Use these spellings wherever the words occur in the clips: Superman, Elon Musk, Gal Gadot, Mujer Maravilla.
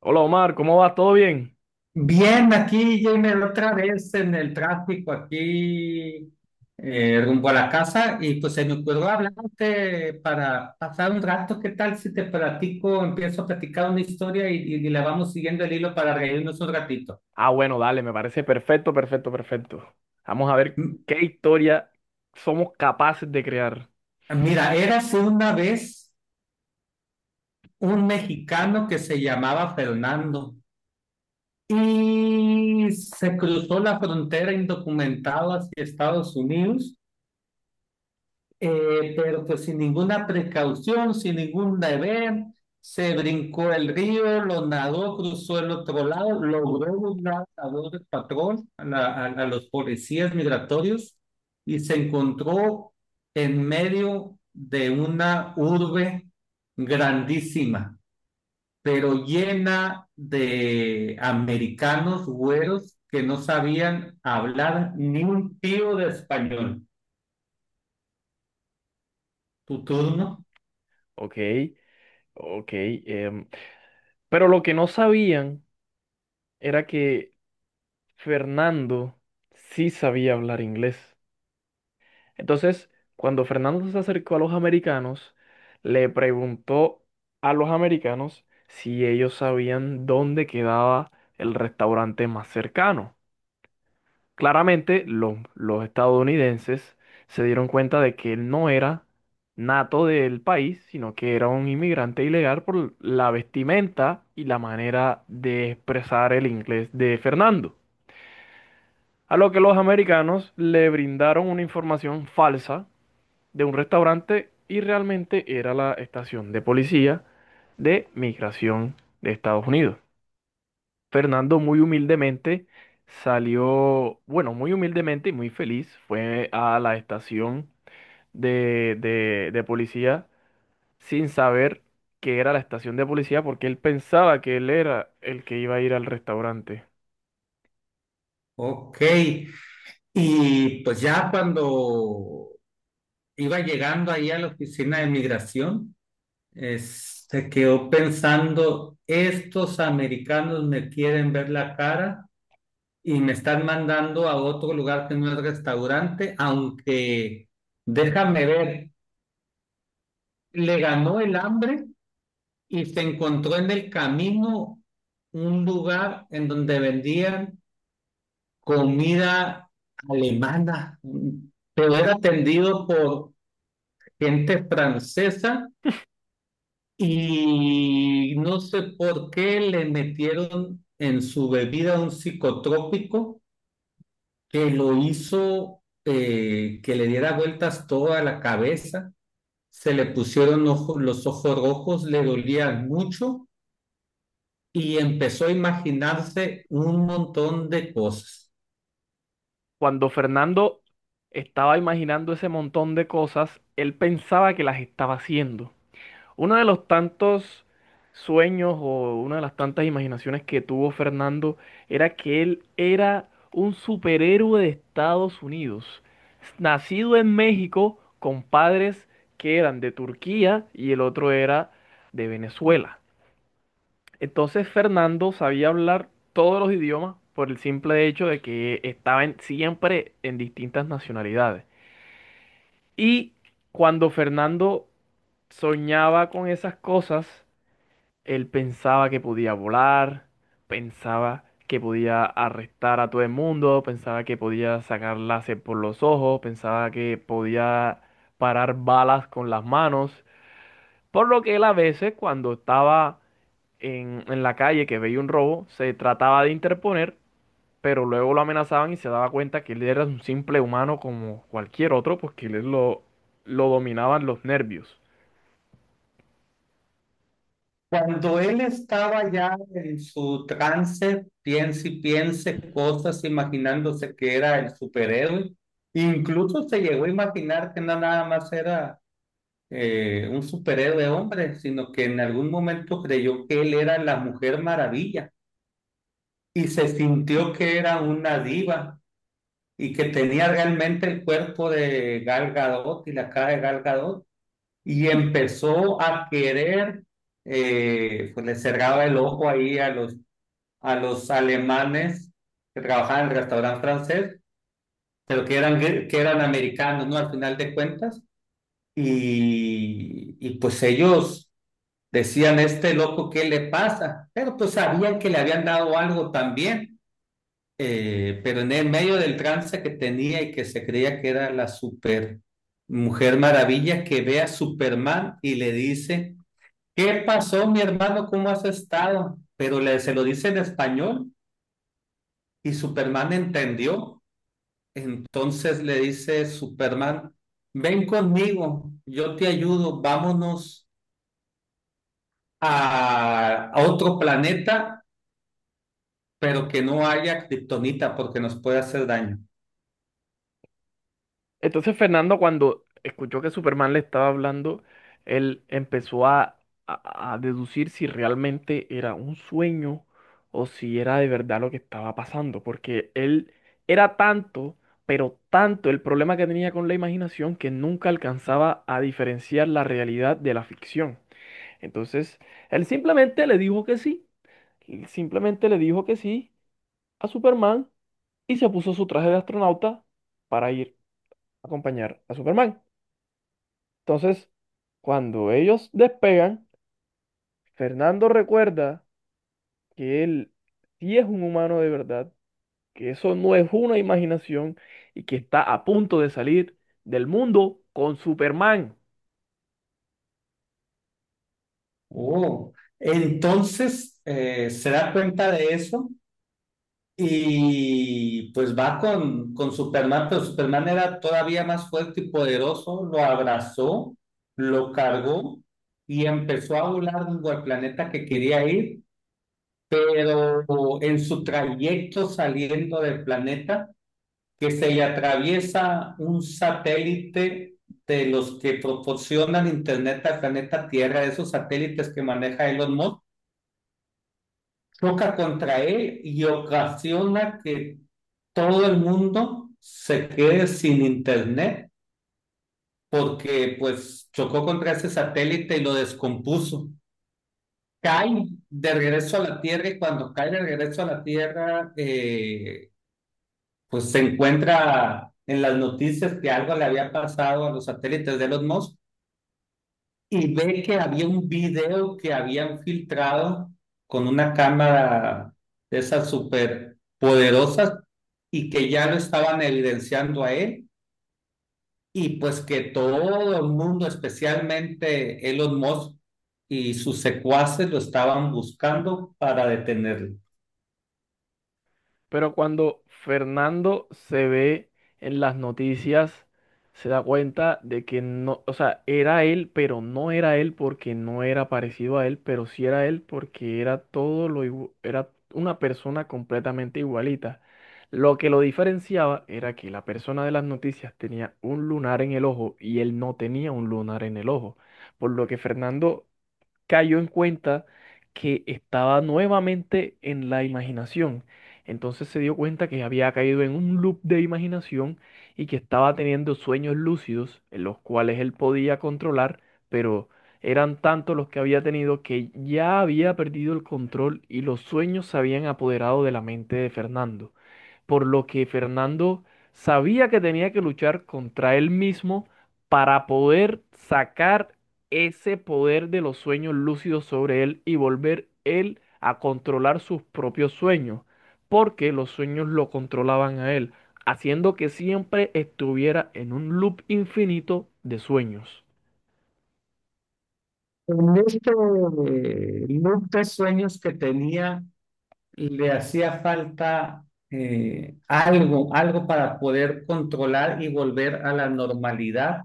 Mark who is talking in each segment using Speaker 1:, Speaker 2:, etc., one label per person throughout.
Speaker 1: Hola Omar, ¿cómo vas? ¿Todo bien?
Speaker 2: Bien, aquí, Jamer, otra vez en el tráfico, aquí rumbo a la casa, y pues se me ocurrió hablarte para pasar un rato. ¿Qué tal si te platico, empiezo a platicar una historia y la vamos siguiendo el hilo para reírnos un ratito?
Speaker 1: Ah, bueno, dale, me parece perfecto, perfecto, perfecto. Vamos a ver
Speaker 2: M-
Speaker 1: qué historia somos capaces de crear.
Speaker 2: Mira, érase una vez un mexicano que se llamaba Fernando y se cruzó la frontera indocumentado hacia Estados Unidos. Pero pues sin ninguna precaución, sin ningún deber, se brincó el río, lo nadó, cruzó el otro lado, logró burlar a dos del patrón, a los policías migratorios, y se encontró en medio de una urbe grandísima, pero llena de americanos güeros que no sabían hablar ni un tío de español. Tu
Speaker 1: Ok,
Speaker 2: turno.
Speaker 1: ok, ok. Pero lo que no sabían era que Fernando sí sabía hablar inglés. Entonces, cuando Fernando se acercó a los americanos, le preguntó a los americanos si ellos sabían dónde quedaba el restaurante más cercano. Claramente, los estadounidenses se dieron cuenta de que él no era nato del país, sino que era un inmigrante ilegal por la vestimenta y la manera de expresar el inglés de Fernando. A lo que los americanos le brindaron una información falsa de un restaurante y realmente era la estación de policía de migración de Estados Unidos. Fernando muy humildemente salió, bueno, muy humildemente y muy feliz, fue a la estación de policía sin saber que era la estación de policía porque él pensaba que él era el que iba a ir al restaurante.
Speaker 2: Ok. Y pues ya cuando iba llegando ahí a la oficina de migración, se quedó pensando, estos americanos me quieren ver la cara y me están mandando a otro lugar que no es restaurante, aunque déjame ver, le ganó el hambre y se encontró en el camino un lugar en donde vendían comida alemana, pero era atendido por gente francesa y no sé por qué le metieron en su bebida un psicotrópico que lo hizo, que le diera vueltas toda la cabeza, se le pusieron los ojos rojos, le dolían mucho y empezó a imaginarse un montón de cosas.
Speaker 1: Cuando Fernando estaba imaginando ese montón de cosas, él pensaba que las estaba haciendo. Uno de los tantos sueños o una de las tantas imaginaciones que tuvo Fernando era que él era un superhéroe de Estados Unidos, nacido en México con padres que eran de Turquía y el otro era de Venezuela. Entonces Fernando sabía hablar todos los idiomas por el simple hecho de que siempre en distintas nacionalidades. Y cuando Fernando soñaba con esas cosas, él pensaba que podía volar, pensaba que podía arrestar a todo el mundo, pensaba que podía sacar láser por los ojos, pensaba que podía parar balas con las manos. Por lo que él a veces, cuando estaba en la calle que veía un robo, se trataba de interponer, pero luego lo amenazaban y se daba cuenta que él era un simple humano como cualquier otro, porque él lo dominaban los nervios.
Speaker 2: Cuando él estaba ya en su trance, piense y piense cosas, imaginándose que era el superhéroe, incluso se llegó a imaginar que no nada más era un superhéroe hombre, sino que en algún momento creyó que él era la Mujer Maravilla y se sintió que era una diva y que tenía realmente el cuerpo de Gal Gadot y la cara de Gal Gadot y empezó a querer, pues le cerraba el ojo ahí a los alemanes que trabajaban en el restaurante francés, pero que eran americanos, ¿no? Al final de cuentas. Y pues ellos decían, este loco, ¿qué le pasa? Pero pues sabían que le habían dado algo también, pero en el medio del trance que tenía y que se creía que era la super mujer maravilla que ve a Superman y le dice, ¿qué pasó, mi hermano? ¿Cómo has estado? Pero le, se lo dice en español y Superman entendió. Entonces le dice Superman, ven conmigo, yo te ayudo, vámonos a otro planeta, pero que no haya kriptonita porque nos puede hacer daño.
Speaker 1: Entonces Fernando cuando escuchó que Superman le estaba hablando, él empezó a deducir si realmente era un sueño o si era de verdad lo que estaba pasando, porque él era tanto, pero tanto el problema que tenía con la imaginación que nunca alcanzaba a diferenciar la realidad de la ficción. Entonces, él simplemente le dijo que sí, él simplemente le dijo que sí a Superman y se puso su traje de astronauta para ir a acompañar a Superman. Entonces, cuando ellos despegan, Fernando recuerda que él sí es un humano de verdad, que eso no es una imaginación y que está a punto de salir del mundo con Superman.
Speaker 2: Oh, entonces se da cuenta de eso. Y pues va con Superman, pero Superman era todavía más fuerte y poderoso, lo abrazó, lo cargó y empezó a volar rumbo al planeta que quería ir, pero en su trayecto saliendo del planeta, que se le atraviesa un satélite de los que proporcionan internet al planeta Tierra, esos satélites que maneja Elon Musk, choca contra él y ocasiona que todo el mundo se quede sin internet porque pues chocó contra ese satélite y lo descompuso. Cae de regreso a la Tierra y cuando cae de regreso a la Tierra, pues se encuentra en las noticias que algo le había pasado a los satélites de Elon Musk y ve que había un video que habían filtrado con una cámara de esas súper poderosas y que ya lo estaban evidenciando a él. Y pues que todo el mundo, especialmente Elon Musk y sus secuaces, lo estaban buscando para detenerlo.
Speaker 1: Pero cuando Fernando se ve en las noticias, se da cuenta de que no, o sea, era él, pero no era él porque no era parecido a él, pero sí era él porque era todo lo, era una persona completamente igualita. Lo que lo diferenciaba era que la persona de las noticias tenía un lunar en el ojo y él no tenía un lunar en el ojo, por lo que Fernando cayó en cuenta que estaba nuevamente en la imaginación. Entonces se dio cuenta que había caído en un loop de imaginación y que estaba teniendo sueños lúcidos en los cuales él podía controlar, pero eran tantos los que había tenido que ya había perdido el control y los sueños se habían apoderado de la mente de Fernando, por lo que Fernando sabía que tenía que luchar contra él mismo para poder sacar ese poder de los sueños lúcidos sobre él y volver él a controlar sus propios sueños, porque los sueños lo controlaban a él, haciendo que siempre estuviera en un loop infinito de sueños.
Speaker 2: En este loop de sueños que tenía, le hacía falta, algo, algo para poder controlar y volver a la normalidad,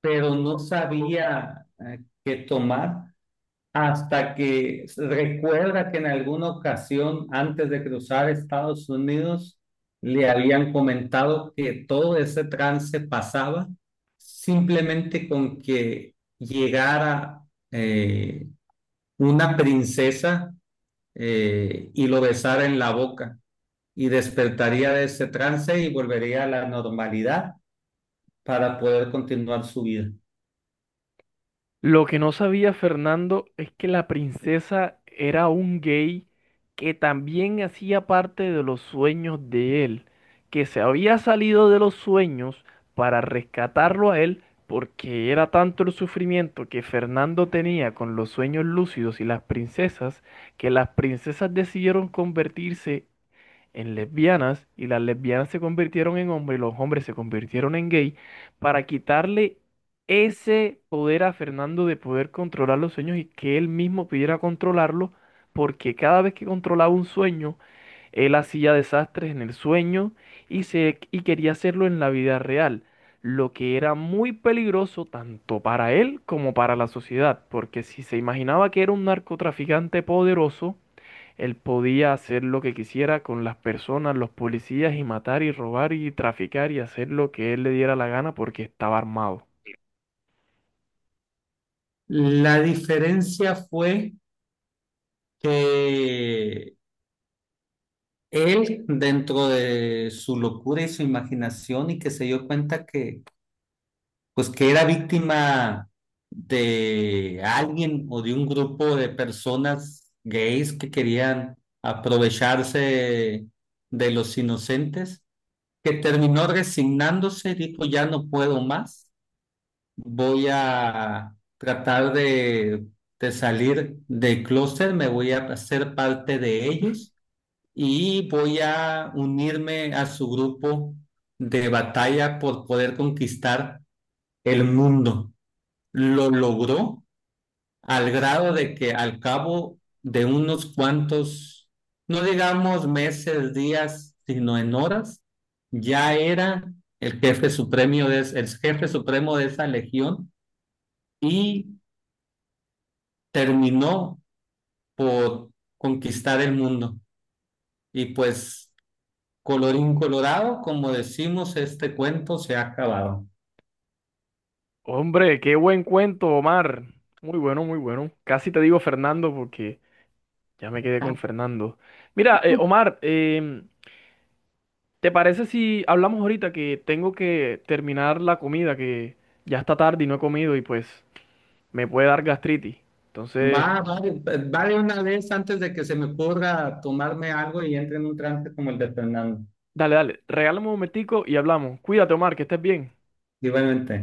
Speaker 2: pero no sabía, qué tomar. Hasta que recuerda que en alguna ocasión antes de cruzar Estados Unidos le habían comentado que todo ese trance pasaba simplemente con que llegara eh, una princesa y lo besara en la boca y despertaría de ese trance y volvería a la normalidad para poder continuar su vida.
Speaker 1: Lo que no sabía Fernando es que la princesa era un gay que también hacía parte de los sueños de él, que se había salido de los sueños para rescatarlo a él porque era tanto el sufrimiento que Fernando tenía con los sueños lúcidos y las princesas, que las princesas decidieron convertirse en lesbianas y las lesbianas se convirtieron en hombres y los hombres se convirtieron en gay para quitarle ese poder a Fernando de poder controlar los sueños y que él mismo pudiera controlarlo, porque cada vez que controlaba un sueño, él hacía desastres en el sueño y, se, y quería hacerlo en la vida real, lo que era muy peligroso tanto para él como para la sociedad, porque si se imaginaba que era un narcotraficante poderoso, él podía hacer lo que quisiera con las personas, los policías, y matar y robar y traficar y hacer lo que él le diera la gana porque estaba armado.
Speaker 2: La diferencia fue que él, dentro de su locura y su imaginación, y que se dio cuenta que, pues, que era víctima de alguien o de un grupo de personas gays que querían aprovecharse de los inocentes, que terminó resignándose, dijo, ya no puedo más, voy a tratar de salir del clóset, me voy a hacer parte de ellos y voy a unirme a su grupo de batalla por poder conquistar el mundo. Lo logró al grado de que al cabo de unos cuantos, no digamos meses, días, sino en horas, ya era el jefe supremo de, el jefe supremo de esa legión y terminó por conquistar el mundo. Y pues colorín colorado, como decimos, este cuento se ha acabado.
Speaker 1: Hombre, qué buen cuento, Omar. Muy bueno, muy bueno. Casi te digo Fernando porque ya me quedé con Fernando. Mira, Omar, ¿te parece si hablamos ahorita que tengo que terminar la comida, que ya está tarde y no he comido y pues me puede dar gastritis?
Speaker 2: Va,
Speaker 1: Entonces,
Speaker 2: va, va de una vez antes de que se me ocurra tomarme algo y entre en un trance como el de Fernando.
Speaker 1: dale, dale, regálame un momentico y hablamos. Cuídate, Omar, que estés bien.
Speaker 2: Igualmente.